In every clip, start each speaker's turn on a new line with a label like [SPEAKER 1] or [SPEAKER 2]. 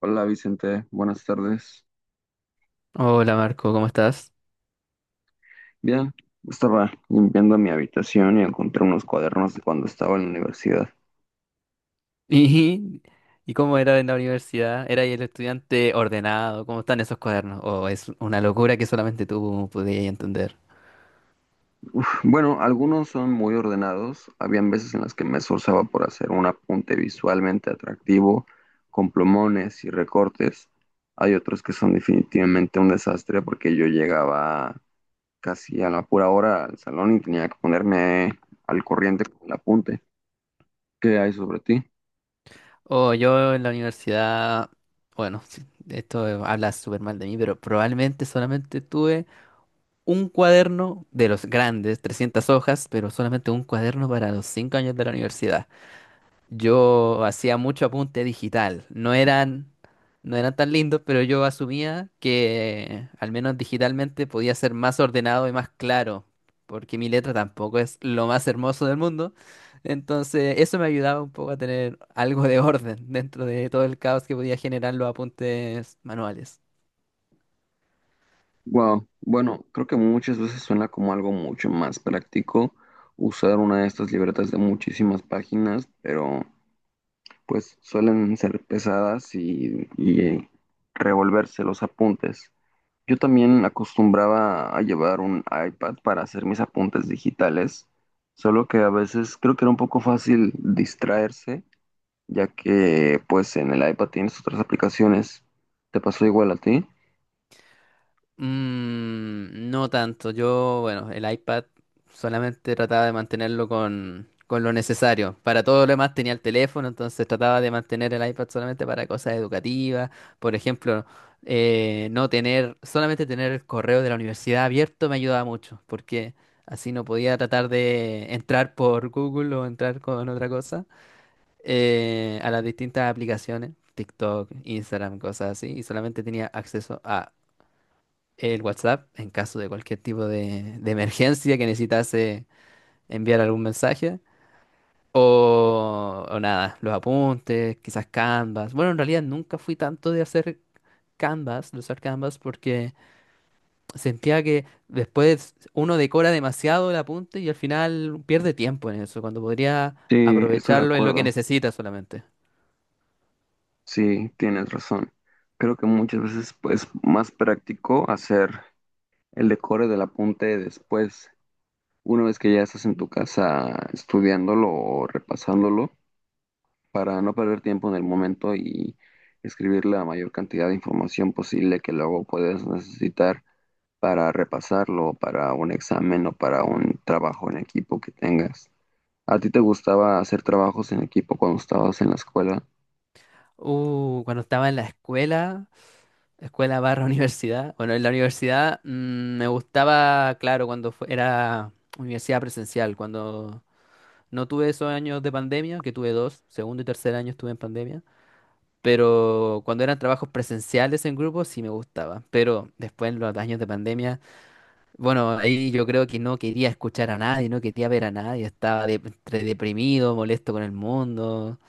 [SPEAKER 1] Hola Vicente, buenas tardes.
[SPEAKER 2] Hola Marco, ¿cómo estás?
[SPEAKER 1] Bien, estaba limpiando mi habitación y encontré unos cuadernos de cuando estaba en la universidad.
[SPEAKER 2] ¿Y, y cómo era en la universidad? ¿Era el estudiante ordenado? ¿Cómo están esos cuadernos? ¿O es una locura que solamente tú podías entender?
[SPEAKER 1] Bueno, algunos son muy ordenados. Habían veces en las que me esforzaba por hacer un apunte visualmente atractivo, con plumones y recortes. Hay otros que son definitivamente un desastre porque yo llegaba casi a la pura hora al salón y tenía que ponerme al corriente con el apunte. ¿Qué hay sobre ti?
[SPEAKER 2] O yo en la universidad, bueno, sí, esto habla súper mal de mí, pero probablemente solamente tuve un cuaderno de los grandes, 300 hojas, pero solamente un cuaderno para los 5 años de la universidad. Yo hacía mucho apunte digital. No eran tan lindos, pero yo asumía que al menos digitalmente podía ser más ordenado y más claro, porque mi letra tampoco es lo más hermoso del mundo. Entonces, eso me ayudaba un poco a tener algo de orden dentro de todo el caos que podía generar los apuntes manuales.
[SPEAKER 1] Wow, bueno, creo que muchas veces suena como algo mucho más práctico usar una de estas libretas de muchísimas páginas, pero pues suelen ser pesadas y revolverse los apuntes. Yo también acostumbraba a llevar un iPad para hacer mis apuntes digitales, solo que a veces creo que era un poco fácil distraerse, ya que pues en el iPad tienes otras aplicaciones. ¿Te pasó igual a ti?
[SPEAKER 2] Mm, no tanto. Yo, bueno, el iPad solamente trataba de mantenerlo con lo necesario. Para todo lo demás tenía el teléfono, entonces trataba de mantener el iPad solamente para cosas educativas. Por ejemplo, no tener, solamente tener el correo de la universidad abierto me ayudaba mucho, porque así no podía tratar de entrar por Google o entrar con otra cosa a las distintas aplicaciones, TikTok, Instagram, cosas así, y solamente tenía acceso a el WhatsApp en caso de cualquier tipo de emergencia que necesitase enviar algún mensaje. O nada, los apuntes, quizás Canvas. Bueno, en realidad nunca fui tanto de hacer Canvas, de usar Canvas, porque sentía que después uno decora demasiado el apunte y al final pierde tiempo en eso, cuando podría
[SPEAKER 1] Sí, estoy de
[SPEAKER 2] aprovecharlo en lo que
[SPEAKER 1] acuerdo.
[SPEAKER 2] necesita solamente.
[SPEAKER 1] Sí, tienes razón. Creo que muchas veces pues, es más práctico hacer el decore del apunte después, una vez que ya estás en tu casa estudiándolo o repasándolo, para no perder tiempo en el momento y escribir la mayor cantidad de información posible que luego puedes necesitar para repasarlo, para un examen o para un trabajo en equipo que tengas. ¿A ti te gustaba hacer trabajos en equipo cuando estabas en la escuela?
[SPEAKER 2] Cuando estaba en la escuela, escuela barra universidad. Bueno, en la universidad me gustaba, claro, cuando era universidad presencial, cuando no tuve esos años de pandemia, que tuve dos, segundo y tercer año estuve en pandemia, pero cuando eran trabajos presenciales en grupo sí me gustaba, pero después en los años de pandemia, bueno, ahí yo creo que no quería escuchar a nadie, no quería ver a nadie, estaba entre deprimido, molesto con el mundo.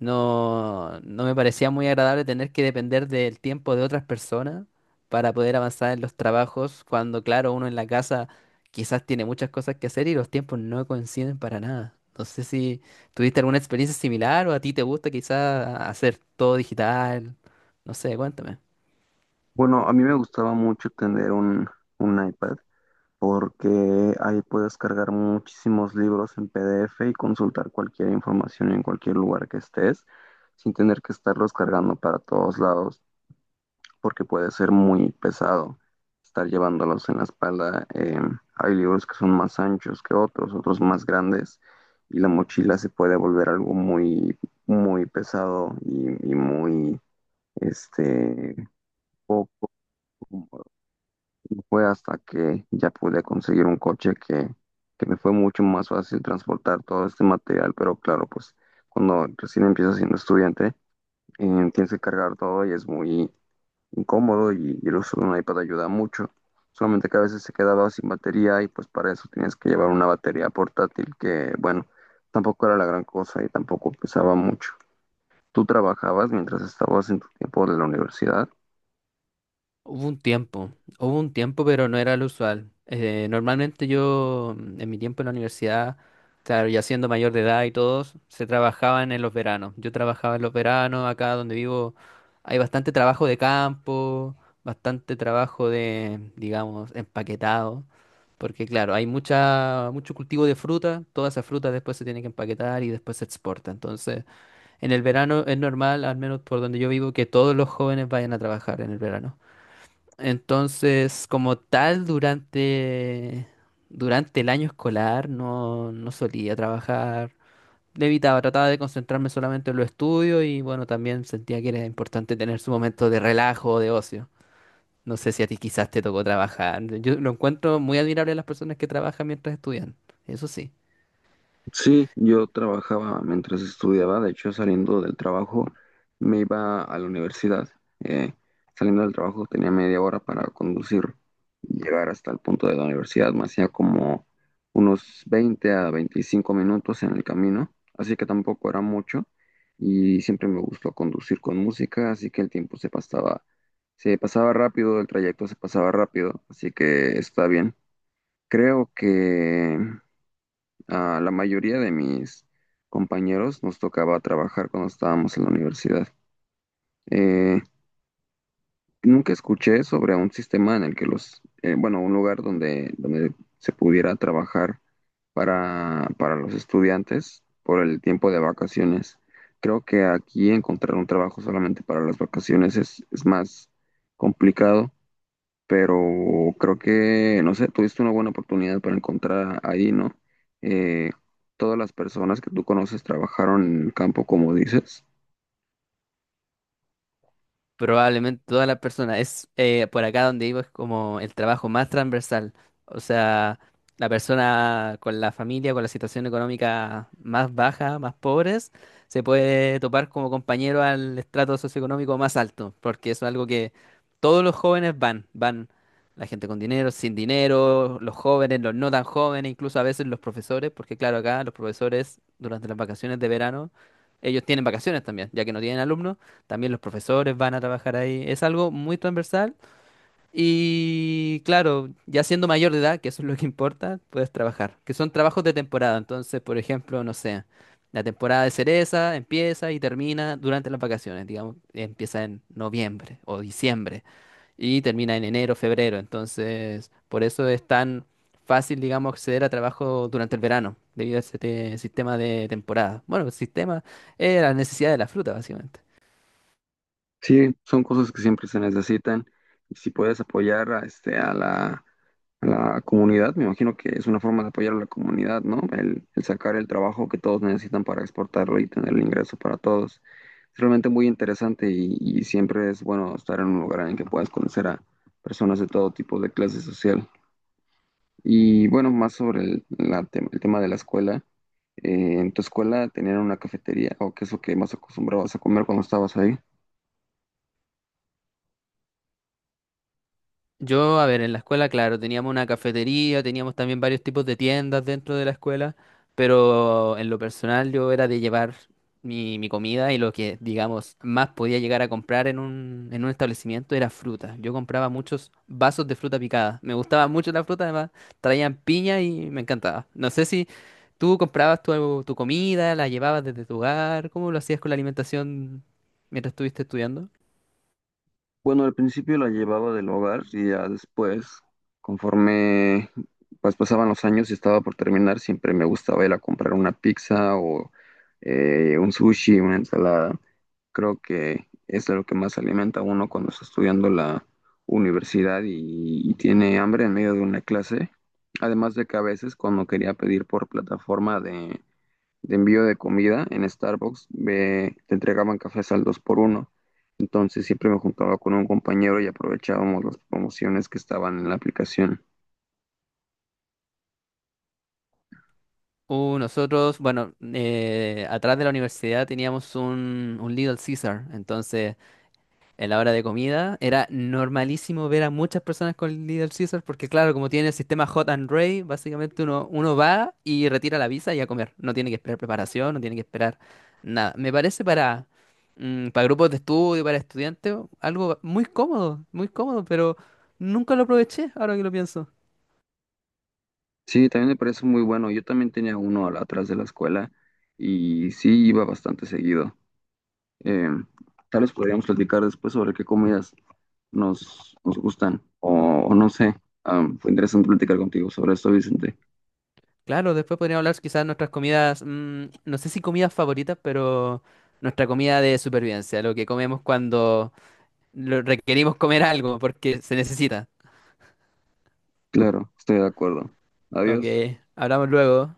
[SPEAKER 2] No, no me parecía muy agradable tener que depender del tiempo de otras personas para poder avanzar en los trabajos, cuando claro, uno en la casa quizás tiene muchas cosas que hacer y los tiempos no coinciden para nada. No sé si tuviste alguna experiencia similar o a ti te gusta quizás hacer todo digital. No sé, cuéntame.
[SPEAKER 1] Bueno, a mí me gustaba mucho tener un iPad porque ahí puedes cargar muchísimos libros en PDF y consultar cualquier información en cualquier lugar que estés sin tener que estarlos cargando para todos lados porque puede ser muy pesado estar llevándolos en la espalda. Hay libros que son más anchos que otros, otros más grandes y la mochila se puede volver algo muy, muy pesado y muy este, poco cómodo. Fue hasta que ya pude conseguir un coche que me fue mucho más fácil transportar todo este material, pero claro, pues cuando recién empiezas siendo estudiante, tienes que cargar todo y es muy incómodo y el uso de un iPad ayuda mucho. Solamente que a veces se quedaba sin batería y pues para eso tienes que llevar una batería portátil que, bueno, tampoco era la gran cosa y tampoco pesaba mucho. ¿Tú trabajabas mientras estabas en tu tiempo de la universidad?
[SPEAKER 2] Hubo un tiempo, hubo un tiempo, pero no era lo usual. Normalmente yo, en mi tiempo en la universidad, claro, ya siendo mayor de edad y todos, se trabajaban en los veranos. Yo trabajaba en los veranos, acá donde vivo hay bastante trabajo de campo, bastante trabajo de, digamos, empaquetado, porque claro, hay mucho cultivo de fruta, toda esa fruta después se tiene que empaquetar y después se exporta. Entonces, en el verano es normal, al menos por donde yo vivo, que todos los jóvenes vayan a trabajar en el verano. Entonces, como tal, durante el año escolar no, no solía trabajar. Le evitaba, trataba de concentrarme solamente en los estudios y bueno, también sentía que era importante tener su momento de relajo o de ocio. No sé si a ti quizás te tocó trabajar. Yo lo encuentro muy admirable a las personas que trabajan mientras estudian. Eso sí.
[SPEAKER 1] Sí, yo trabajaba mientras estudiaba, de hecho saliendo del trabajo me iba a la universidad. Eh, Saliendo del trabajo tenía media hora para conducir y llegar hasta el punto de la universidad. Me hacía como unos 20 a 25 minutos en el camino, así que tampoco era mucho y siempre me gustó conducir con música, así que el tiempo se pasaba rápido, el trayecto se pasaba rápido, así que está bien. Creo que a la mayoría de mis compañeros nos tocaba trabajar cuando estábamos en la universidad. Eh, Nunca escuché sobre un sistema en el que un lugar donde se pudiera trabajar para los estudiantes por el tiempo de vacaciones. Creo que aquí encontrar un trabajo solamente para las vacaciones es más complicado pero creo que, no sé, tuviste una buena oportunidad para encontrar ahí, ¿no? Eh, Todas las personas que tú conoces trabajaron en el campo, como dices.
[SPEAKER 2] Probablemente todas las personas. Es por acá donde vivo es como el trabajo más transversal. O sea, la persona con la familia, con la situación económica más baja, más pobres, se puede topar como compañero al estrato socioeconómico más alto, porque eso es algo que todos los jóvenes van, van. La gente con dinero, sin dinero, los jóvenes, los no tan jóvenes, incluso a veces los profesores, porque claro, acá los profesores durante las vacaciones de verano, ellos tienen vacaciones también, ya que no tienen alumnos. También los profesores van a trabajar ahí. Es algo muy transversal. Y claro, ya siendo mayor de edad, que eso es lo que importa, puedes trabajar. Que son trabajos de temporada. Entonces, por ejemplo, no sé, la temporada de cereza empieza y termina durante las vacaciones. Digamos, empieza en noviembre o diciembre y termina en enero, febrero. Entonces, por eso es tan fácil, digamos, acceder a trabajo durante el verano, debido a este sistema de temporada. Bueno, el sistema es la necesidad de la fruta, básicamente.
[SPEAKER 1] Sí, son cosas que siempre se necesitan. Y si puedes apoyar a a la comunidad, me imagino que es una forma de apoyar a la comunidad, ¿no? El sacar el trabajo que todos necesitan para exportarlo y tener el ingreso para todos. Es realmente muy interesante y siempre es bueno estar en un lugar en el que puedas conocer a personas de todo tipo de clase social. Y bueno, más sobre el tema de la escuela. ¿En tu escuela tenían una cafetería o qué es lo que más acostumbrabas a comer cuando estabas ahí?
[SPEAKER 2] Yo, a ver, en la escuela, claro, teníamos una cafetería, teníamos también varios tipos de tiendas dentro de la escuela, pero en lo personal yo era de llevar mi comida y lo que, digamos, más podía llegar a comprar en un establecimiento era fruta. Yo compraba muchos vasos de fruta picada. Me gustaba mucho la fruta, además traían piña y me encantaba. No sé si tú comprabas tu, tu comida, la llevabas desde tu hogar, ¿cómo lo hacías con la alimentación mientras estuviste estudiando?
[SPEAKER 1] Bueno, al principio la llevaba del hogar y ya después, conforme pues pasaban los años y estaba por terminar, siempre me gustaba ir a comprar una pizza o un sushi, una ensalada. Creo que es de lo que más se alimenta a uno cuando está estudiando la universidad y tiene hambre en medio de una clase. Además de que a veces cuando quería pedir por plataforma de envío de comida en Starbucks, te entregaban cafés al 2x1. Entonces siempre me juntaba con un compañero y aprovechábamos las promociones que estaban en la aplicación.
[SPEAKER 2] Nosotros, bueno, atrás de la universidad teníamos un Little Caesar, entonces en la hora de comida era normalísimo ver a muchas personas con Little Caesar, porque claro, como tiene el sistema Hot and Ready, básicamente uno va y retira la visa y a comer, no tiene que esperar preparación, no tiene que esperar nada. Me parece para, para grupos de estudio, para estudiantes, algo muy cómodo, pero nunca lo aproveché ahora que lo pienso.
[SPEAKER 1] Sí, también me parece muy bueno. Yo también tenía uno al- atrás de la escuela y sí iba bastante seguido. Eh, tal vez podríamos platicar después sobre qué comidas nos gustan o no sé. Ah, fue interesante platicar contigo sobre esto, Vicente.
[SPEAKER 2] Claro, después podríamos hablar quizás de nuestras comidas, no sé si comidas favoritas, pero nuestra comida de supervivencia, lo que comemos cuando requerimos comer algo porque se necesita.
[SPEAKER 1] Claro, estoy de acuerdo.
[SPEAKER 2] Ok,
[SPEAKER 1] Adiós.
[SPEAKER 2] hablamos luego.